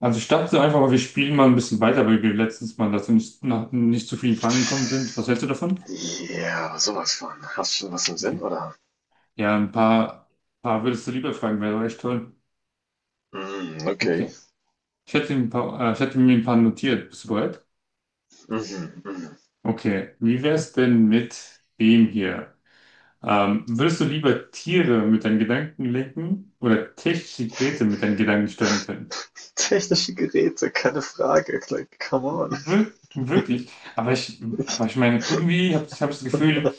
Also ich dachte so einfach mal, wir spielen mal ein bisschen weiter, weil wir letztens mal dazu nicht, noch nicht zu vielen Fragen gekommen sind. Was hältst du davon? Ja, sowas von. Hast schon was im Sinn, Okay. oder? Ja, paar würdest du lieber fragen, wäre doch echt toll. Mm, okay. Okay. Ich hätte mir ein paar notiert. Bist du bereit? Mhm, mhm. Okay. Wie wär's denn mit dem hier? Würdest du lieber Tiere mit deinen Gedanken lenken oder technische Geräte mit deinen Gedanken steuern können? Technische Geräte, keine Frage. Like, come on. Wir wirklich. Aber ich, Ich, aber ich meine, irgendwie hab ich das Gefühl,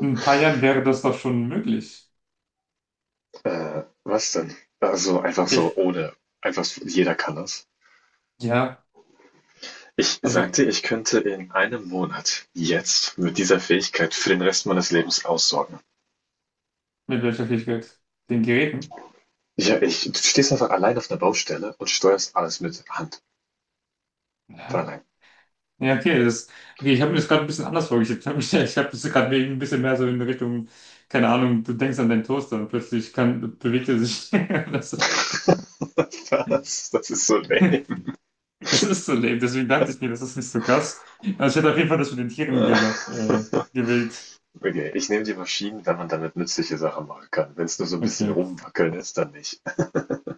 in ein paar Jahren wäre das doch schon möglich. Was denn? Also einfach so Fähig- ohne. Einfach so, jeder kann das. Ja, Ich also sagte, ich könnte in einem Monat jetzt mit dieser Fähigkeit für den Rest meines Lebens aussorgen. mit welcher Fähigkeit? Den Geräten? Ja, ich, du stehst einfach allein auf einer Baustelle und steuerst alles mit Hand. Von Ja, allein. Ja, okay, okay, ich habe mir das gerade ein bisschen anders vorgestellt. Ich habe das gerade ein bisschen mehr so in Richtung, keine Ahnung, du denkst an deinen Toaster und plötzlich bewegt er sich. Was? Das ist so lame. Das, das ist so lame, deswegen dachte ich mir, das ist nicht so krass. Also ich hätte auf jeden Fall das mit den Tieren Äh, gel- äh, gewählt. Okay, ich nehme die Maschinen, wenn man damit nützliche Sachen machen kann. Wenn es nur so ein Okay, bisschen okay, rumwackeln ist, dann nicht.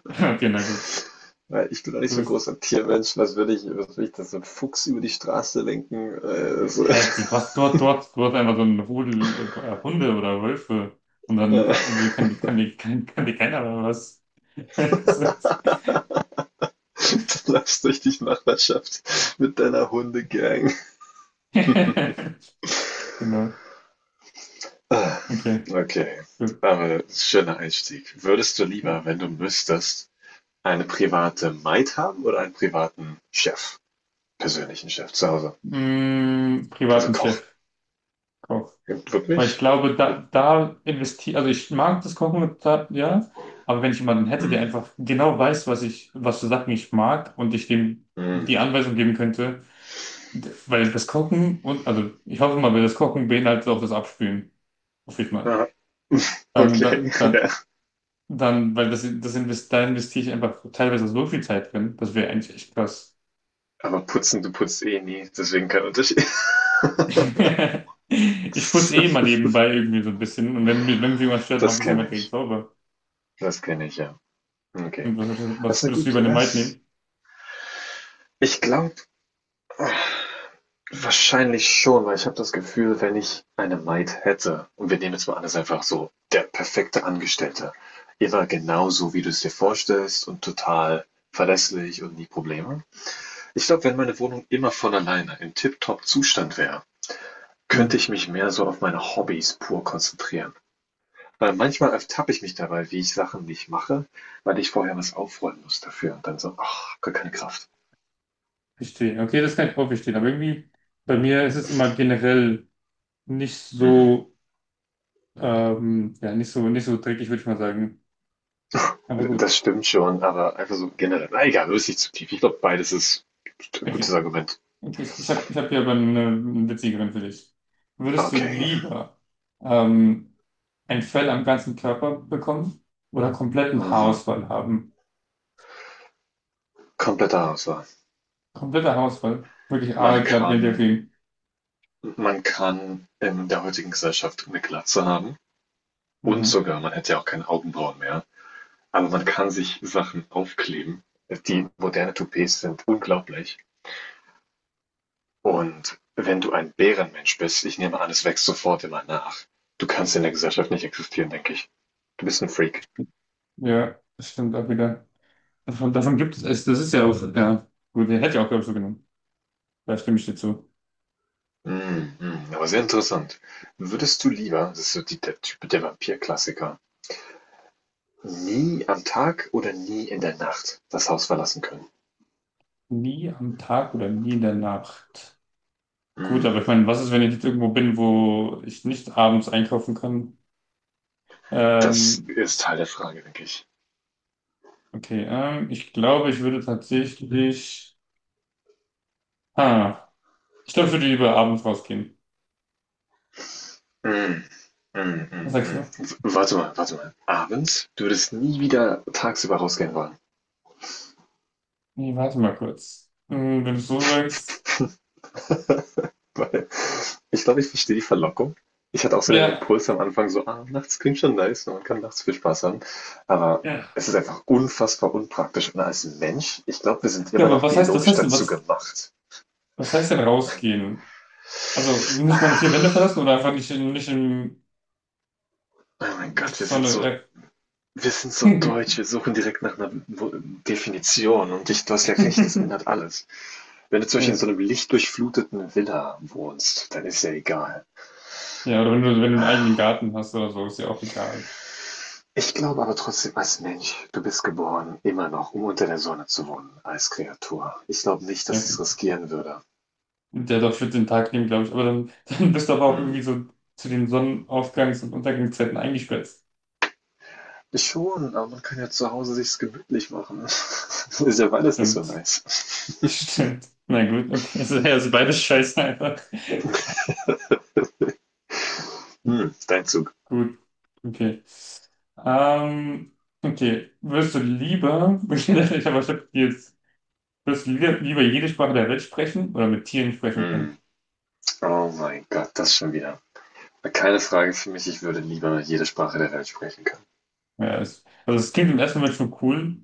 okay, na gut. Weil ich bin doch nicht Du so ein bist, großer Tiermensch. Was würde ich das so ein Fuchs über die Straße lenken? So. du hast dort einfach so einen Rudel Hunde oder Wölfe und Äh. dann kann dir keiner mehr was. Du läufst durch die Nachbarschaft mit deiner Hundegang. Genau. Ah, Okay, Okay, gut. aber schöner Einstieg. Würdest du lieber, wenn du müsstest, eine private Maid haben oder einen privaten Chef? Persönlichen Chef zu Hause. Also Privaten Koch. Chefkoch. Weil ich Wirklich? glaube, da investiere, also ich mag das Kochen, ja, aber wenn ich jemanden hätte, der Hm, einfach genau weiß, was für Sachen ich mag und ich dem die hm. Anweisung geben könnte, d- weil das Kochen und, Also ich hoffe mal, weil das Kochen beinhaltet auch das Abspülen, hoffe ich mal. Ja, Dann, dann, okay, dann, ja. dann, weil da investiere ich einfach teilweise so viel Zeit drin, das wäre eigentlich echt krass. Aber putzen, du putzt eh nie, deswegen kein Unterschied. Ich putze eh mal nebenbei irgendwie so ein bisschen. Und wenn mich irgendwas stört, mache ich Das es immer kenne direkt ich. sauber. Das kenne ich, ja. Okay. Und was Also würdest du gut, über eine Maid nehmen? ich glaube wahrscheinlich schon, weil ich habe das Gefühl, wenn ich eine Maid hätte, und wir nehmen jetzt mal an, das ist einfach so der perfekte Angestellte, immer genau so, wie du es dir vorstellst und total verlässlich und nie Probleme. Ich glaube, wenn meine Wohnung immer von alleine im tipptopp Zustand wäre, Hm, könnte ich mich mehr so auf meine Hobbys pur konzentrieren. Weil manchmal ertappe ich mich dabei, wie ich Sachen nicht mache, weil ich vorher was aufräumen muss dafür. Und dann so, ach, gar keine Kraft. verstehe. Okay, das kann ich auch verstehen. Aber irgendwie, bei mir ist es immer generell nicht Mhm. so, ja, nicht so dreckig, würde ich mal sagen. Aber gut. Das stimmt schon, aber einfach so generell. Na egal, löst sich zu tief. Ich glaube, beides ist ein gutes Okay. Argument. Okay, ich hab hier aber eine witzigeren für dich. Würdest du Okay. lieber ähm, ein Fell am ganzen Körper bekommen oder kompletten Mhm. Haarausfall haben? Kompletter Auswahl. Kompletter Haarausfall. Wirklich Man aalglatt, wenn der kann, ging. man kann in der heutigen Gesellschaft eine Glatze haben. Und Mhm. sogar, man hätte ja auch keine Augenbrauen mehr. Aber man kann sich Sachen aufkleben. Die moderne Toupets sind unglaublich. Und wenn du ein Bärenmensch bist, ich nehme an, es wächst sofort immer nach. Du kannst in der Gesellschaft nicht existieren, denke ich. Du bist ein Freak. Ja, das stimmt auch wieder. Davon gibt es, das ist ja auch, ja, gut, der hätte ich auch, glaube ich, so genommen. Da stimme ich dir zu. Mm, mm, aber sehr interessant. Würdest du lieber, das ist so die, der Typ der Vampir-Klassiker, nie am Tag oder nie in der Nacht das Haus verlassen können? Nie am Tag oder nie in der Nacht. Gut, Mm, aber ich meine, was ist, wenn ich jetzt irgendwo bin, wo ich nicht abends einkaufen kann? das Ähm, ist Teil der Frage, denke ich. okay, ich glaube, ich würde tatsächlich, ah, ich glaube, ich würde lieber abends rausgehen. Mhm. Mhm, Was mhm, sagst mhm. du? W- Warte mal, warte mal. Abends? Du würdest nie wieder tagsüber rausgehen wollen. Nee, warte mal kurz. Wenn du es so sagst, Weil ich glaube, ich verstehe die Verlockung. Ich hatte auch so den ja. Impuls am Anfang so, ah, nachts klingt schon nice und man kann nachts viel Spaß haben. Aber Ja. es ist einfach unfassbar unpraktisch. Und als Mensch, ich glaube, wir sind Ja, immer aber noch was biologisch heißt denn, dazu was, gemacht. was heißt denn rausgehen? Also nicht meine vier Wände verlassen oder einfach nicht in, nicht in, Oh mein Gott, nicht so eine, wir sind so äh, deutsch. Wir suchen direkt nach einer Wo- Definition. Und ich, du hast ja recht, das ändert alles. Wenn du zum Beispiel in ja. so einem lichtdurchfluteten Villa wohnst, dann ist ja egal. Ja, oder wenn du einen eigenen Garten hast oder so, ist ja auch egal. Ich glaube aber trotzdem als Mensch, du bist geboren immer noch, um unter der Sonne zu wohnen als Kreatur. Ich glaube nicht, Ja, dass ich's okay. riskieren würde. Der darf für den Tag nehmen, glaube ich. Aber dann, dann bist du aber auch Hm, irgendwie so zu den Sonnenaufgangs- und Untergangszeiten eingesperrt. schon, aber man kann ja zu Hause sich's gemütlich machen. Ist ja beides nicht so Stimmt. nice. Stimmt. Na gut, okay. Also, ja, also beides scheiße einfach. Hm, dein Zug. Gut. Okay. Ähm, okay. Würdest du lieber, ich hab jetzt, würdest du lieber jede Sprache der Welt sprechen oder mit Tieren sprechen Hm, können? oh mein Gott, das schon wieder. Keine Frage für mich, ich würde lieber jede Sprache der Welt sprechen können. Ja, also es klingt im ersten Moment schon cool,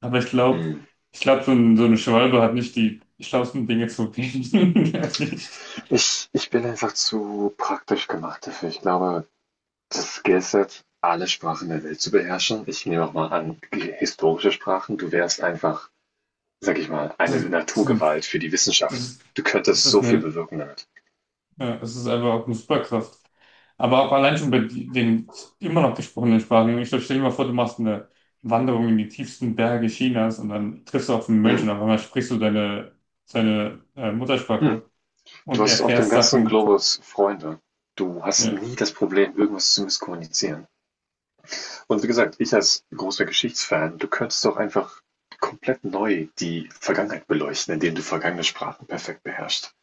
aber ich glaube, Hm, ich glaube, so eine Schwalbe hat nicht die schlauesten Dinge zu reden. Ehrlich. ich bin einfach zu praktisch gemacht dafür. Ich glaube, das Skill Set, alle Sprachen der Welt zu beherrschen. Ich nehme auch mal an, g- historische Sprachen. Du wärst einfach, sag ich mal, eine Das, das, Naturgewalt für die Wissenschaft. das, Du das könntest so ist viel eine bewirken damit. Ja, es ist einfach auch eine Superkraft. Aber auch allein schon bei den immer noch gesprochenen Sprachen. Ich stell dir mal vor, du machst eine Wanderung in die tiefsten Berge Chinas und dann triffst du auf einen Mönch Hm. und auf einmal sprichst du seine Hm. Muttersprache Du und hast auf dem erfährst ganzen Sachen. Globus Freunde. Du hast Ja, nie das Problem, irgendwas zu misskommunizieren. Und wie gesagt, ich als großer Geschichtsfan, du könntest doch einfach komplett neu die Vergangenheit beleuchten, indem du vergangene Sprachen perfekt beherrschst.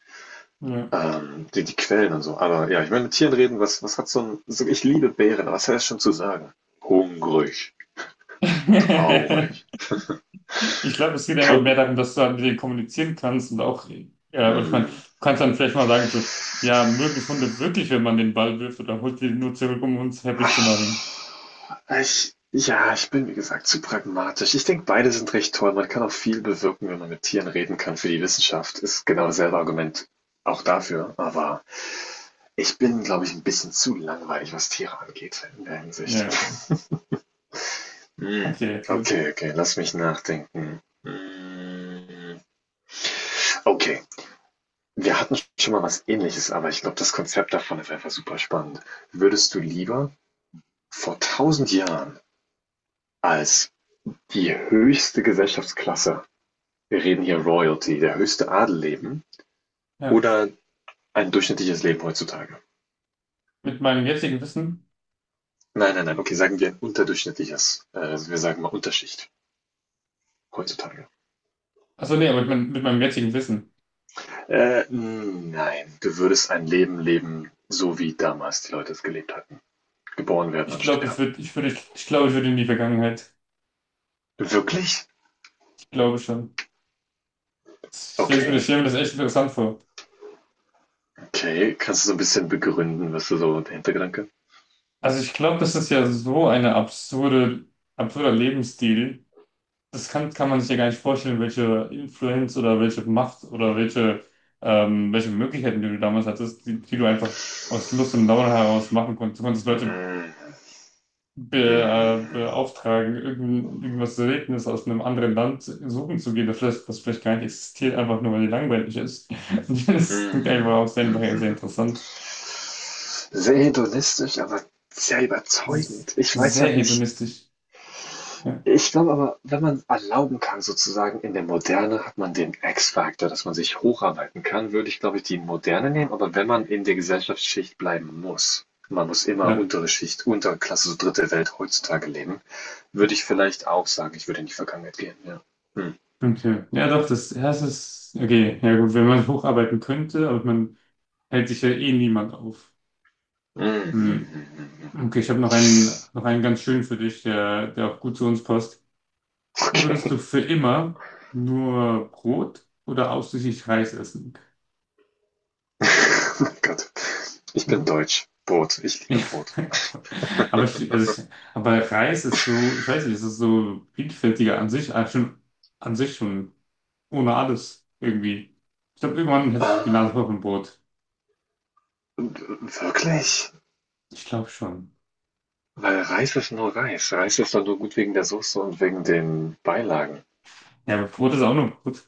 ja. Die, die Quellen und so. Aber ja, ich meine, mit Tieren reden, was, was hat so ein. So, ich liebe Bären, aber was hat das schon zu sagen? Hungrig, traurig. Ich glaube, es geht einfach mehr Kein. darum, dass du halt mit denen kommunizieren kannst und auch, und ich meine, du Mm. kannst dann vielleicht mal sagen, so, ja, mögen es Hunde wirklich, wenn man den Ball wirft oder holt die nur zurück, um uns happy zu machen. Ah, Ich, ja, ich bin wie gesagt zu pragmatisch. Ich denke, beide sind recht toll. Man kann auch viel bewirken, wenn man mit Tieren reden kann für die Wissenschaft. Ist genau dasselbe Argument auch dafür. Aber ich bin, glaube ich, ein bisschen zu langweilig, was Tiere angeht in der Hinsicht. Ja, okay. Hm. Okay, gut. Okay, okay, lass mich nachdenken. Hm. Okay, wir hatten schon mal was Ähnliches, aber ich glaube, das Konzept davon ist einfach super spannend. Würdest du lieber vor 1000 Jahren als die höchste Gesellschaftsklasse, wir reden hier Royalty, der höchste Adel leben, Ja. oder ein durchschnittliches Leben heutzutage? Mit meinem jetzigen Wissen? Nein, nein, nein, okay, sagen wir ein unterdurchschnittliches, wir sagen mal Unterschicht heutzutage. Achso, nee, aber mit meinem jetzigen Wissen. Nein, du würdest ein Leben leben, so wie damals die Leute es gelebt hatten. Geboren werden Ich und glaube, ich sterben. würde, ich würde, ich glaube, ich würde in die Vergangenheit. Wirklich? Ich glaube schon. Stell ich stelle mir das, Okay. stell mir das echt interessant vor. Okay, kannst du so ein bisschen begründen, was du so der Hintergedanke? Also ich glaube, das ist ja so eine absurder Lebensstil. Das kann man sich ja gar nicht vorstellen, welche Influenz oder welche Macht oder welche Möglichkeiten, die du damals hattest, die, die du einfach aus Lust und Laune heraus machen konntest. Du konntest Leute Hm, be, äh, mhm, beauftragen, irgendwas Seltenes aus einem anderen Land suchen zu gehen, das vielleicht, gar nicht existiert, einfach nur weil die langweilig ist. Das klingt einfach mhm, auch sehr, mhm, sehr sehr mhm. interessant. Sehr hedonistisch, aber sehr Das ist überzeugend. Ich weiß Sehr halt nicht hedonistisch. Ja, ich glaube aber, wenn man erlauben kann sozusagen, in der Moderne hat man den X-Faktor, dass man sich hocharbeiten kann, würde ich, glaube ich, die Moderne nehmen, aber wenn man in der Gesellschaftsschicht bleiben muss man muss immer ja, untere Schicht, untere Klasse, so dritte Welt heutzutage leben, würde ich vielleicht auch sagen, ich würde in die Vergangenheit gehen, ja. Mhm. okay. Ja, doch, das, ja, das ist, okay, ja gut, wenn man hocharbeiten könnte, aber man hält sich ja eh niemand auf. Mhm, mhm, Hm. mhm. Okay, ich habe noch einen ganz schönen für dich, der, der auch gut zu uns passt. Würdest Okay. du für immer nur Brot oder ausschließlich Reis essen? Gott. Ich bin Mhm. deutsch. Brot. Ich liebe Ja. Brot. Aber, ich, also ich, aber Reis ist so, ich weiß nicht, es ist so vielfältiger an sich schon ohne alles irgendwie. Ich glaube, irgendwann hätte ich die Ähm, Nase voll von Brot. Wirklich? Ich glaube schon. Weil Reis ist nur Reis. Reis ist doch nur gut wegen der Soße und wegen den Beilagen. Ja, aber Brot ist auch nur Brot.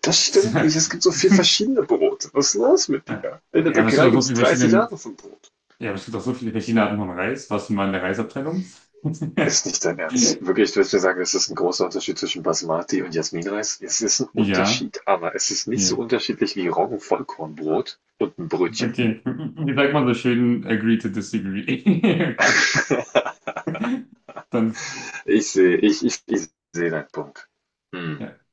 Das stimmt nicht. Es gibt so viel verschiedene Brote. Was ist los mit dir? In der Ja, Bäckerei gibt es 30 Arten von Brot. Aber es gibt auch so viele verschiedene Arten von Reis. Warst du mal in der Reisabteilung? Ist nicht dein Ernst. Wirklich, du willst mir sagen, es ist ein großer Unterschied zwischen Basmati und Jasminreis? Es ist ein Ja, Unterschied, aber es ist nicht so ja. unterschiedlich wie Roggenvollkornbrot und ein Brötchen. Okay. Wie sagt man so schön, agree to disagree? Okay. Dann. Ich sehe, ich sehe deinen Punkt. Hm. Ja.